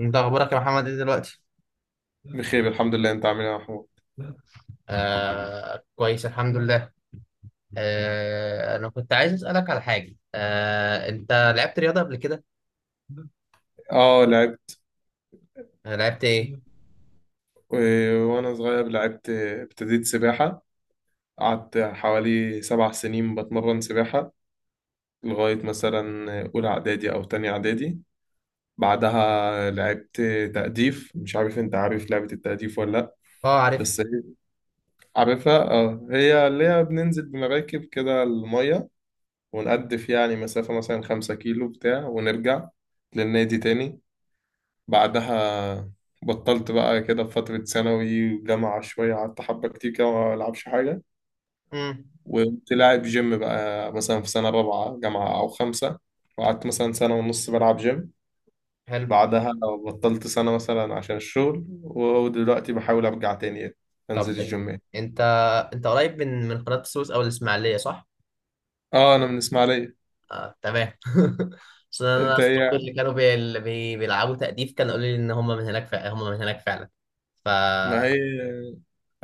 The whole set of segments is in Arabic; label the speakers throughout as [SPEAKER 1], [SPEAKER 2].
[SPEAKER 1] انت اخبارك يا محمد ايه دلوقتي؟
[SPEAKER 2] بخير الحمد لله. انت عامل ايه يا محمود؟
[SPEAKER 1] كويس الحمد لله. انا كنت عايز اسالك على حاجه، انت لعبت رياضه قبل كده؟
[SPEAKER 2] اه لعبت.
[SPEAKER 1] لعبت ايه؟
[SPEAKER 2] وانا صغير لعبت، ابتديت سباحة. قعدت حوالي 7 سنين بتمرن سباحة لغاية مثلا أولى إعدادي أو تانية إعدادي. بعدها لعبت تأديف. مش عارف انت عارف لعبة التأديف ولا لأ.
[SPEAKER 1] اه عارف.
[SPEAKER 2] بس هي- عارفها اه. هي اللي هي بننزل بمراكب كده المية ونقدف يعني مسافة مثلا 5 كيلو بتاع ونرجع للنادي تاني. بعدها بطلت بقى كده في فترة ثانوي وجامعة شوية، قعدت حبة كتير كده ما ألعبش حاجة.
[SPEAKER 1] امم.
[SPEAKER 2] وكنت لاعب جيم بقى مثلا في سنة رابعة جامعة أو خمسة، وقعدت مثلا سنة ونص بلعب جيم.
[SPEAKER 1] حلو.
[SPEAKER 2] بعدها بطلت سنة مثلا عشان الشغل، ودلوقتي بحاول أرجع تاني أنزل
[SPEAKER 1] طب ان-
[SPEAKER 2] الجيم يعني.
[SPEAKER 1] انت انت قريب من قناه السويس او الاسماعيليه، صح؟
[SPEAKER 2] اه أنا من إسماعيلية.
[SPEAKER 1] آه تمام. اصل انا
[SPEAKER 2] أنت إيه
[SPEAKER 1] اصحابي اللي
[SPEAKER 2] يعني؟
[SPEAKER 1] كانوا بي... اللي بي... بيلعبوا تأديف كانوا قالوا لي ان هم من هناك فعلا، هم من هناك فعلا. ف
[SPEAKER 2] ما هي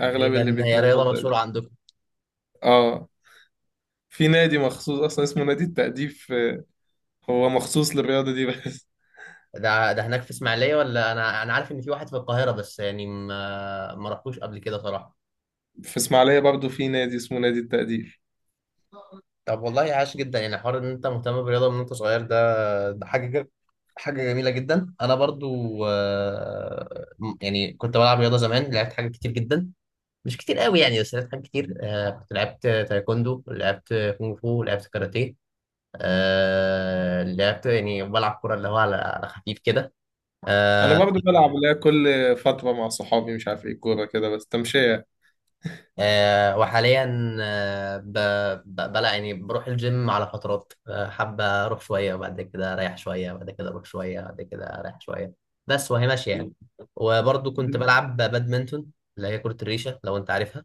[SPEAKER 2] أغلب اللي
[SPEAKER 1] تقريبا هي
[SPEAKER 2] بيتمرن
[SPEAKER 1] رياضه
[SPEAKER 2] تقديم
[SPEAKER 1] مشهوره.
[SPEAKER 2] اه. في نادي مخصوص أصلا اسمه نادي التأديب. هو مخصوص للرياضة دي بس.
[SPEAKER 1] ده هناك في اسماعيليه، ولا انا عارف ان في واحد في القاهره بس، يعني ما رحتوش قبل كده صراحه.
[SPEAKER 2] في اسماعيليه برضو في نادي اسمه نادي التقدير.
[SPEAKER 1] طب والله عاش جدا، يعني حوار ان انت مهتم بالرياضه من وانت صغير ده، ده حاجه جد. حاجة جميلة جدا. أنا برضو يعني كنت بلعب رياضة زمان، لعبت حاجات كتير جدا، مش كتير قوي يعني، بس لعبت حاجات كتير. كنت لعبت تايكوندو، لعبت كونغ فو، لعبت كاراتيه. لعبت يعني بلعب كرة اللي هو على خفيف كده.
[SPEAKER 2] انا
[SPEAKER 1] آه،
[SPEAKER 2] برضو بلعب اللي هي كل فتره مع صحابي، مش عارف ايه، كوره كده بس تمشيه.
[SPEAKER 1] وحاليا، آه، ب... ب... بلا يعني بروح الجيم على فترات. حابة أروح شوية وبعد كده أريح شوية، وبعد كده أروح شوية وبعد كده أريح شوية، بس وهي ماشية يعني. وبرضه كنت بلعب بادمنتون، اللي هي كرة الريشة، لو أنت عارفها.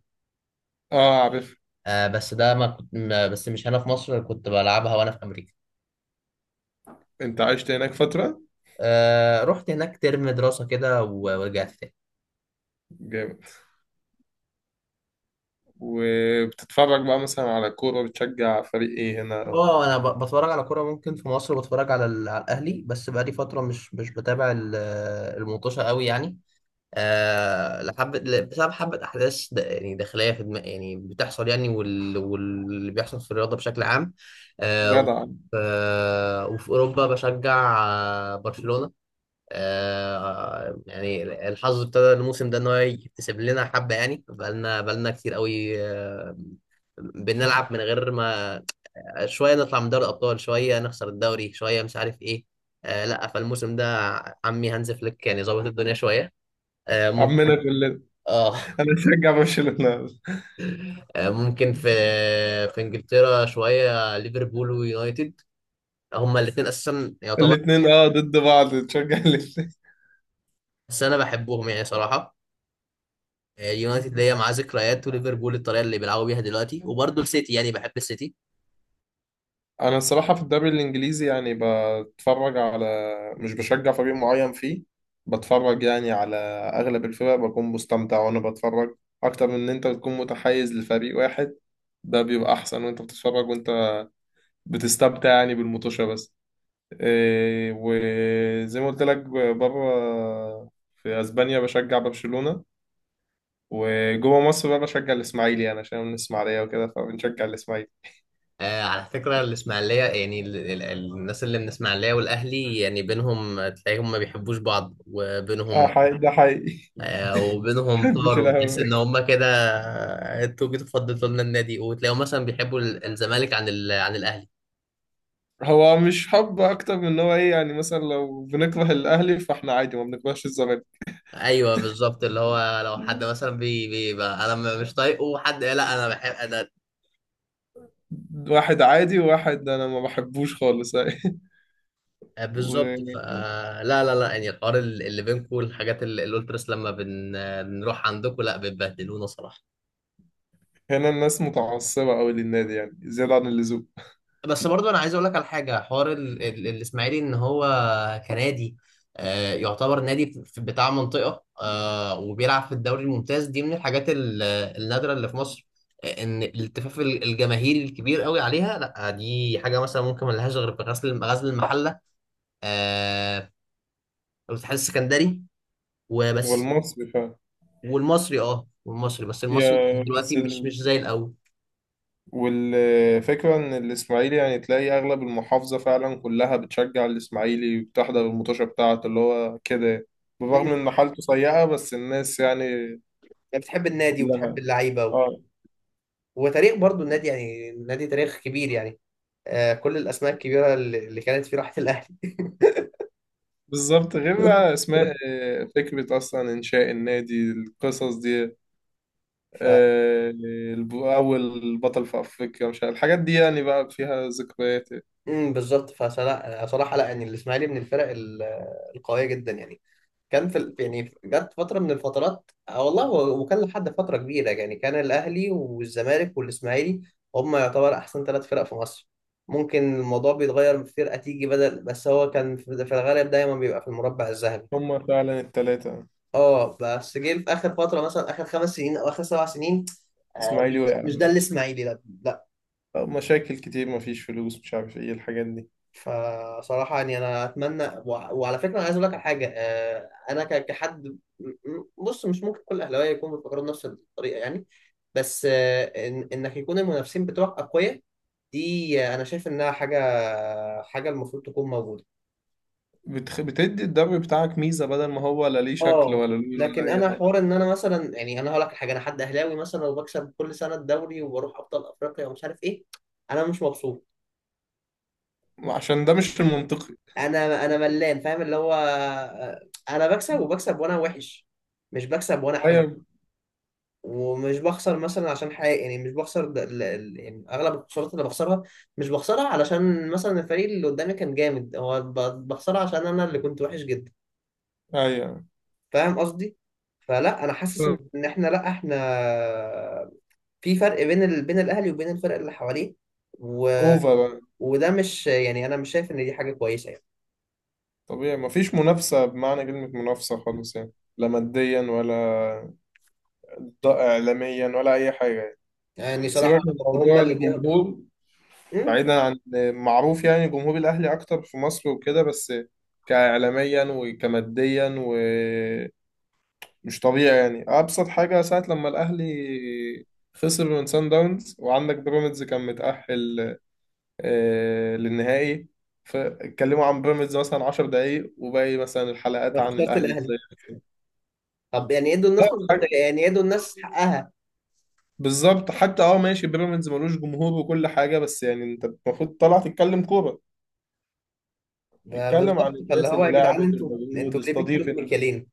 [SPEAKER 2] اه عارف.
[SPEAKER 1] بس ده ما كنت ما- بس مش هنا في مصر كنت بلعبها، وأنا في أمريكا.
[SPEAKER 2] انت عشت هناك فتره؟
[SPEAKER 1] رحت هناك ترم دراسة كده ورجعت تاني.
[SPEAKER 2] جامد. وبتتفرج بقى مثلا على كوره؟ بتشجع فريق ايه هنا؟
[SPEAKER 1] اه انا بتفرج على كوره، ممكن في مصر بتفرج على الاهلي، بس بقالي فتره مش بتابع الموتوشه قوي يعني. آه لحب... بسبب حبة يعني داخلية في دماغ يعني بتحصل يعني، واللي بيحصل في الرياضة بشكل عام. آه وف-
[SPEAKER 2] جدع.
[SPEAKER 1] وفي أوروبا بشجع برشلونة. يعني الحظ ابتدى الموسم ده إن هو يكتسب لنا حبة، يعني بقالنا كتير قوي. بنلعب من غير ما، شوية نطلع من دوري الأبطال، شوية نخسر الدوري، شوية مش عارف إيه. لا، فالموسم ده عمي هانز فليك يعني ظابط الدنيا شوية. آه،
[SPEAKER 2] عمنا كلنا.
[SPEAKER 1] اه.
[SPEAKER 2] انا بشجع برشلونه.
[SPEAKER 1] ممكن في، في انجلترا شويه ليفربول ويونايتد، هما الاثنين اساسا يعتبر،
[SPEAKER 2] الاثنين اه ضد بعض، تشجع ليه؟
[SPEAKER 1] بس انا بحبهم يعني صراحه. اليونايتد اللي هي معاه ذكريات، وليفربول الطريقه اللي بيلعبوا بيها دلوقتي، وبرضه السيتي يعني بحب السيتي.
[SPEAKER 2] انا الصراحه في الدوري الانجليزي يعني بتفرج على، مش بشجع فريق معين فيه. بتفرج يعني على اغلب الفرق، بكون مستمتع وانا بتفرج، اكتر من ان انت تكون متحيز لفريق واحد. ده بيبقى احسن وانت بتتفرج وانت بتستمتع يعني بالمطوشه بس. إيه وزي ما قلت لك، بره في اسبانيا بشجع برشلونه، وجوه مصر بقى بشجع الاسماعيلي انا عشان من الاسماعيليه وكده، فبنشجع الاسماعيلي.
[SPEAKER 1] على فكره الاسماعيليه يعني الناس اللي من الاسماعيليه والاهلي يعني بينهم، تلاقيهم ما بيحبوش بعض
[SPEAKER 2] اه
[SPEAKER 1] وبينهم.
[SPEAKER 2] حقيقي، ده حقيقي.
[SPEAKER 1] وبينهم
[SPEAKER 2] مش
[SPEAKER 1] طار، وتحس
[SPEAKER 2] الاهلي.
[SPEAKER 1] ان هم كده. انتوا جيتوا فضلتوا لنا النادي، وتلاقيهم مثلا بيحبوا الزمالك عن الاهلي.
[SPEAKER 2] هو مش حب، اكتر من ان هو ايه يعني، مثلا لو بنكره الاهلي فاحنا عادي ما بنكرهش الزمالك.
[SPEAKER 1] ايوه بالظبط، اللي هو لو حد مثلا بيبقى انا مش طايقه حد، لا انا بحب انا.
[SPEAKER 2] واحد عادي وواحد انا ما بحبوش خالص.
[SPEAKER 1] بالظبط.
[SPEAKER 2] وهنا
[SPEAKER 1] فلا لا لا لا، يعني الحوار اللي بينكم، الحاجات اللي قلت بس لما بن... بنروح عندكم لا بتبهدلونا صراحه.
[SPEAKER 2] الناس متعصبة قوي للنادي يعني زيادة عن اللزوم.
[SPEAKER 1] بس برضو انا عايز اقول لك على حاجه، حوار الاسماعيلي ان هو كنادي، يعتبر نادي بتاع منطقه، وبيلعب في الدوري الممتاز، دي من الحاجات النادره اللي في مصر. ان الالتفاف الجماهيري الكبير قوي عليها، لا دي حاجه مثلا ممكن ما لهاش غير في غزل المحله، آه، والاتحاد السكندري وبس.
[SPEAKER 2] والمصري فعلا.
[SPEAKER 1] والمصري، اه والمصري، بس المصري
[SPEAKER 2] يا بس
[SPEAKER 1] دلوقتي مش
[SPEAKER 2] ال...
[SPEAKER 1] مش زي الاول.
[SPEAKER 2] والفكرة إن الإسماعيلي يعني تلاقي أغلب المحافظة فعلا كلها بتشجع الإسماعيلي وبتحضر المطوشة بتاعته اللي هو كده، بالرغم
[SPEAKER 1] امم.
[SPEAKER 2] إن حالته سيئة بس الناس يعني
[SPEAKER 1] بتحب النادي وبتحب
[SPEAKER 2] كلها
[SPEAKER 1] اللعيبه
[SPEAKER 2] آه.
[SPEAKER 1] وتاريخ برضو النادي، يعني النادي تاريخ كبير يعني. كل الاسماء الكبيره اللي كانت في راحه الاهلي.
[SPEAKER 2] بالظبط. غير بقى اسماء، فكرة اصلا انشاء النادي، القصص دي
[SPEAKER 1] ف
[SPEAKER 2] آه. اول بطل في افريقيا مش عارف، الحاجات دي يعني بقى فيها ذكريات.
[SPEAKER 1] بالظبط. فصراحه لا يعني الاسماعيلي من الفرق القويه جدا يعني. كان في يعني جت فتره من الفترات، والله وكان لحد فتره كبيره يعني، كان الاهلي والزمالك والاسماعيلي هم يعتبر احسن ثلاث فرق في مصر. ممكن الموضوع بيتغير فرقه تيجي بدل، بس هو كان في الغالب دايما بيبقى في المربع الذهبي.
[SPEAKER 2] هما فعلا التلاتة.
[SPEAKER 1] اه، بس جه في اخر فتره مثلا اخر خمس سنين او اخر سبع سنين، آه، مش
[SPEAKER 2] اسماعيلي وقع.
[SPEAKER 1] مش ده الاسماعيلي لا.
[SPEAKER 2] مشاكل كتير، مفيش فلوس، مش عارف ايه الحاجات دي.
[SPEAKER 1] فصراحة يعني أنا أتمنى، وعلى فكرة أنا عايز أقول لك على حاجة. أنا كحد بص مش ممكن كل أهلاوية يكونوا بيفكروا بنفس الطريقة يعني، بس إن إنك يكون المنافسين بتوعك أقوياء دي، أنا شايف إنها حاجة، حاجة المفروض تكون موجودة.
[SPEAKER 2] بتدي الدوري بتاعك ميزة، بدل ما هو لا ليه شكل
[SPEAKER 1] اه
[SPEAKER 2] ولا لون ولا
[SPEAKER 1] لكن
[SPEAKER 2] اي
[SPEAKER 1] أنا
[SPEAKER 2] حاجة.
[SPEAKER 1] حوار إن أنا مثلا، يعني أنا هقول لك على حاجة: أنا حد أهلاوي مثلا، وبكسب كل سنة الدوري وبروح أبطال أفريقيا ومش عارف إيه، أنا مش مبسوط.
[SPEAKER 2] عشان ده مش المنطقي.
[SPEAKER 1] انا ملان فاهم اللي هو انا بكسب وبكسب وانا وحش، مش بكسب وانا حلو.
[SPEAKER 2] ايوه.
[SPEAKER 1] ومش بخسر مثلا عشان حاجه، يعني مش بخسر يعني اغلب الخسارات اللي بخسرها مش بخسرها علشان مثلا الفريق اللي قدامي كان جامد، هو بخسرها عشان انا اللي كنت وحش جدا.
[SPEAKER 2] ايوه.
[SPEAKER 1] فاهم قصدي؟ فلا انا
[SPEAKER 2] ف...
[SPEAKER 1] حاسس ان احنا، لا احنا في فرق بين بين الاهلي وبين الفرق اللي حواليه، و...
[SPEAKER 2] اوفر بقى.
[SPEAKER 1] وده مش، يعني انا مش شايف ان دي حاجه كويسه يعني.
[SPEAKER 2] طبيعي مفيش منافسة بمعنى كلمة منافسة خالص يعني، لا ماديا ولا ضاء إعلاميا ولا أي حاجة.
[SPEAKER 1] يعني صراحه
[SPEAKER 2] سيبك من
[SPEAKER 1] هم
[SPEAKER 2] موضوع
[SPEAKER 1] اللي بياخدوا.
[SPEAKER 2] الجمهور، بعيدا عن، معروف يعني جمهور الأهلي أكتر في مصر وكده، بس كإعلاميا وكماديا ومش طبيعي يعني. أبسط حاجة ساعة لما الأهلي خسر من سان داونز وعندك بيراميدز كان متأهل للنهائي، فاتكلموا عن بيراميدز مثلا 10 دقايق وباقي مثلا الحلقات
[SPEAKER 1] أنا
[SPEAKER 2] عن
[SPEAKER 1] خسرت
[SPEAKER 2] الأهلي
[SPEAKER 1] الاهلي.
[SPEAKER 2] ازاي
[SPEAKER 1] طب يعني يدوا الناس
[SPEAKER 2] خسر.
[SPEAKER 1] مصداقيه، يعني يدوا الناس حقها.
[SPEAKER 2] بالظبط. حتى اه ماشي بيراميدز ملوش جمهور وكل حاجه، بس يعني انت المفروض طالع تتكلم كوره،
[SPEAKER 1] ما
[SPEAKER 2] اتكلم عن
[SPEAKER 1] بالظبط، فاللي
[SPEAKER 2] الناس
[SPEAKER 1] هو
[SPEAKER 2] اللي
[SPEAKER 1] يا جدعان
[SPEAKER 2] لعبت
[SPEAKER 1] انتوا
[SPEAKER 2] المجهود،
[SPEAKER 1] انتوا ليه بتكيلوا بمكيالين؟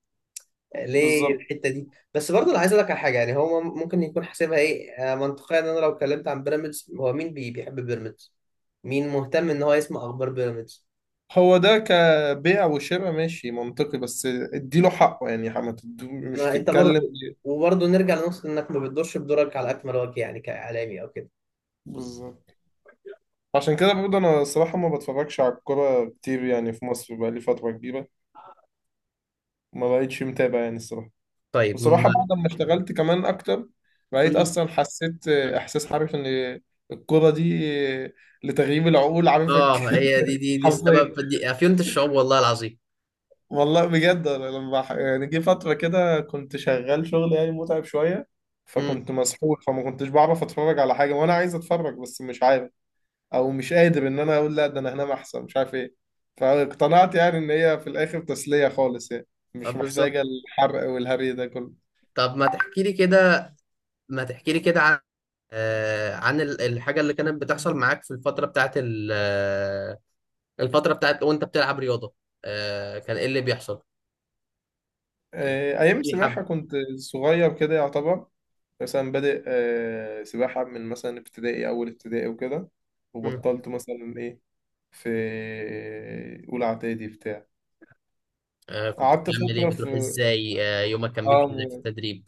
[SPEAKER 1] ليه
[SPEAKER 2] بالظبط.
[SPEAKER 1] الحته دي؟ بس برضه انا عايز اقول لك على حاجه، يعني هو ممكن يكون حاسبها ايه منطقيا ان انا لو اتكلمت عن بيراميدز، هو مين بيحب بيراميدز؟ مين مهتم ان هو يسمع اخبار بيراميدز؟
[SPEAKER 2] هو ده كبيع وشراء ماشي منطقي، بس اديله حقه يعني. ما تدو- مش
[SPEAKER 1] ما انت
[SPEAKER 2] تتكلم.
[SPEAKER 1] برضه، وبرضه نرجع لنقطه انك ما بتدورش بدورك على اكمل وجه يعني كاعلامي او كده.
[SPEAKER 2] بالظبط. عشان كده برضه انا الصراحه ما بتفرجش على الكوره كتير يعني. في مصر بقالي فتره كبيره ما بقتش متابع يعني الصراحه.
[SPEAKER 1] طيب م-
[SPEAKER 2] بصراحة بعد ما اشتغلت كمان أكتر بقيت
[SPEAKER 1] م-
[SPEAKER 2] أصلا حسيت إحساس، عارف إن الكرة دي لتغييب العقول،
[SPEAKER 1] اه هي دي دي دي السبب،
[SPEAKER 2] حرفيا.
[SPEAKER 1] دي افيونة الشعوب والله العظيم.
[SPEAKER 2] والله بجد أنا لما يعني جه فترة كده كنت شغال شغل يعني متعب شوية،
[SPEAKER 1] امم
[SPEAKER 2] فكنت مسحول، فما كنتش بعرف أتفرج على حاجة وأنا عايز أتفرج بس مش عارف، أو مش قادر إن أنا أقول لا ده أنا هنام أحسن مش عارف إيه. فاقتنعت يعني إن هي في الآخر تسلية خالص يعني، مش
[SPEAKER 1] بالظبط.
[SPEAKER 2] محتاجة الحرق والهري ده كله.
[SPEAKER 1] طب ما تحكي لي كده، ما تحكي لي كده عن عن الحاجة اللي كانت بتحصل معاك في الفترة بتاعت ال- آه، الفترة بتاعت وانت بتلعب رياضة. كان ايه اللي بيحصل يعني؟
[SPEAKER 2] أيام
[SPEAKER 1] في حب؟
[SPEAKER 2] السباحة كنت صغير كده يعتبر. مثلا بادئ سباحة من مثلا ابتدائي، أول ابتدائي وكده.
[SPEAKER 1] مم.
[SPEAKER 2] وبطلت مثلا إيه في أولى إعدادي بتاع.
[SPEAKER 1] كنت
[SPEAKER 2] قعدت
[SPEAKER 1] بتعمل ايه؟
[SPEAKER 2] فترة
[SPEAKER 1] بتروح
[SPEAKER 2] في
[SPEAKER 1] ازاي؟ يومك كان
[SPEAKER 2] آه
[SPEAKER 1] بيمشي ازاي في
[SPEAKER 2] م-
[SPEAKER 1] التدريب؟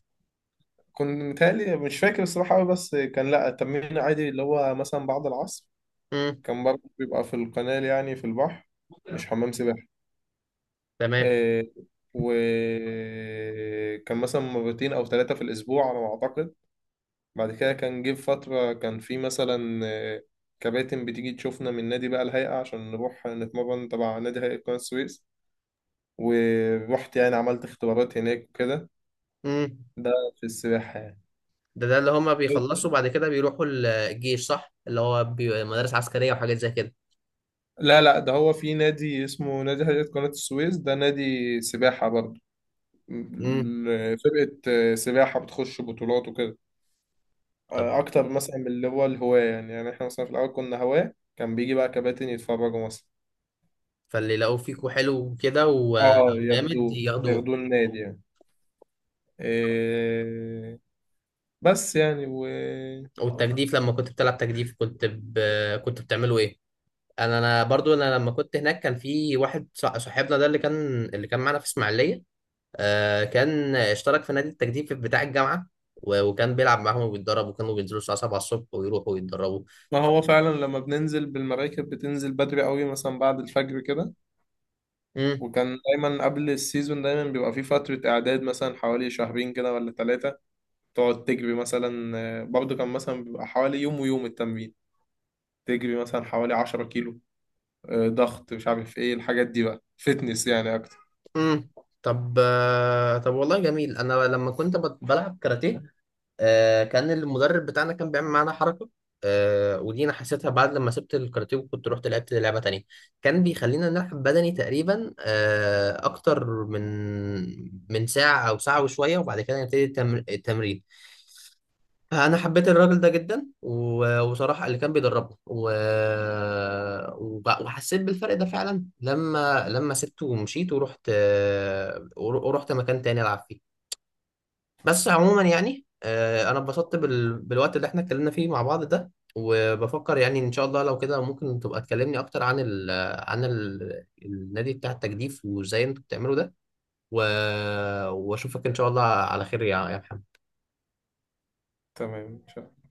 [SPEAKER 2] كنت متهيألي مش فاكر الصراحة أوي، بس كان لأ التمرين عادي اللي هو مثلا بعد العصر.
[SPEAKER 1] مم.
[SPEAKER 2] كان برضه بيبقى في القناة يعني في البحر، مش حمام سباحة
[SPEAKER 1] تمام.
[SPEAKER 2] آه. وكان مثلا مرتين أو 3 في الأسبوع على ما أعتقد. بعد كده كان جه فترة كان في مثلا كباتن بتيجي تشوفنا من نادي بقى الهيئة، عشان نروح نتمرن تبع نادي هيئة قناة السويس. ورحت يعني عملت اختبارات هناك وكده.
[SPEAKER 1] مم.
[SPEAKER 2] ده في السباحة يعني.
[SPEAKER 1] ده اللي هما بيخلصوا بعد كده بيروحوا الجيش صح، اللي هو مدارس عسكرية وحاجات زي كده؟
[SPEAKER 2] لا لا ده هو في نادي اسمه نادي هيئة قناة السويس، ده نادي سباحة برضه.
[SPEAKER 1] مم.
[SPEAKER 2] فرقة سباحة بتخش بطولات وكده
[SPEAKER 1] طب،
[SPEAKER 2] أكتر مثلا من اللي هو الهواة يعني. يعني إحنا مثلا في الأول كنا هواة، كان بيجي بقى كباتن يتفرجوا مثلا.
[SPEAKER 1] فاللي لقوه فيكوا حلو وكده
[SPEAKER 2] اه
[SPEAKER 1] وجامد
[SPEAKER 2] ياخدوه
[SPEAKER 1] ياخدوه.
[SPEAKER 2] ياخدوه النادي يعني. إيه بس يعني و،
[SPEAKER 1] والتجديف لما كنت بتلعب تجديف، كنت بتعمله ايه؟ انا برضو انا لما كنت هناك كان في واحد صاحبنا ده اللي كان معانا في اسماعيليه، آه كان اشترك في نادي التجديف بتاع الجامعه، وكان بيلعب معاهم وبيتدرب، وكانوا بينزلوا الساعه 7 الصبح ويروحوا ويتدربوا.
[SPEAKER 2] ما هو فعلا لما بننزل بالمراكب بتنزل بدري قوي مثلا بعد الفجر كده.
[SPEAKER 1] امم.
[SPEAKER 2] وكان دايما قبل السيزون دايما بيبقى في فترة إعداد مثلا حوالي شهرين كده ولا 3. تقعد تجري مثلا برضه كان مثلا بيبقى حوالي يوم ويوم التمرين، تجري مثلا حوالي 10 كيلو ضغط مش عارف ايه الحاجات دي بقى، فتنس يعني أكتر.
[SPEAKER 1] امم. طب والله جميل. انا لما بلعب كاراتيه، كان المدرب بتاعنا كان بيعمل معانا حركة، ودي أنا حسيتها بعد لما سبت الكاراتيه وكنت رحت لعبت لعبة تانية، كان بيخلينا نلعب بدني تقريبا أكتر من، ساعة أو ساعة وشوية، وبعد كده التمرين. فأنا حبيت الراجل ده جدا، وصراحة اللي كان بيدربنا، وحسيت بالفرق ده فعلا لما، سبته ومشيت ورحت ورحت مكان تاني ألعب فيه. بس عموما يعني، انا اتبسطت بالوقت اللي احنا اتكلمنا فيه مع بعض ده، وبفكر يعني ان شاء الله لو كده ممكن تبقى تكلمني اكتر عن النادي بتاع التجديف، وازاي انتوا بتعملوا ده، و... واشوفك ان شاء الله على خير يا محمد.
[SPEAKER 2] تمام.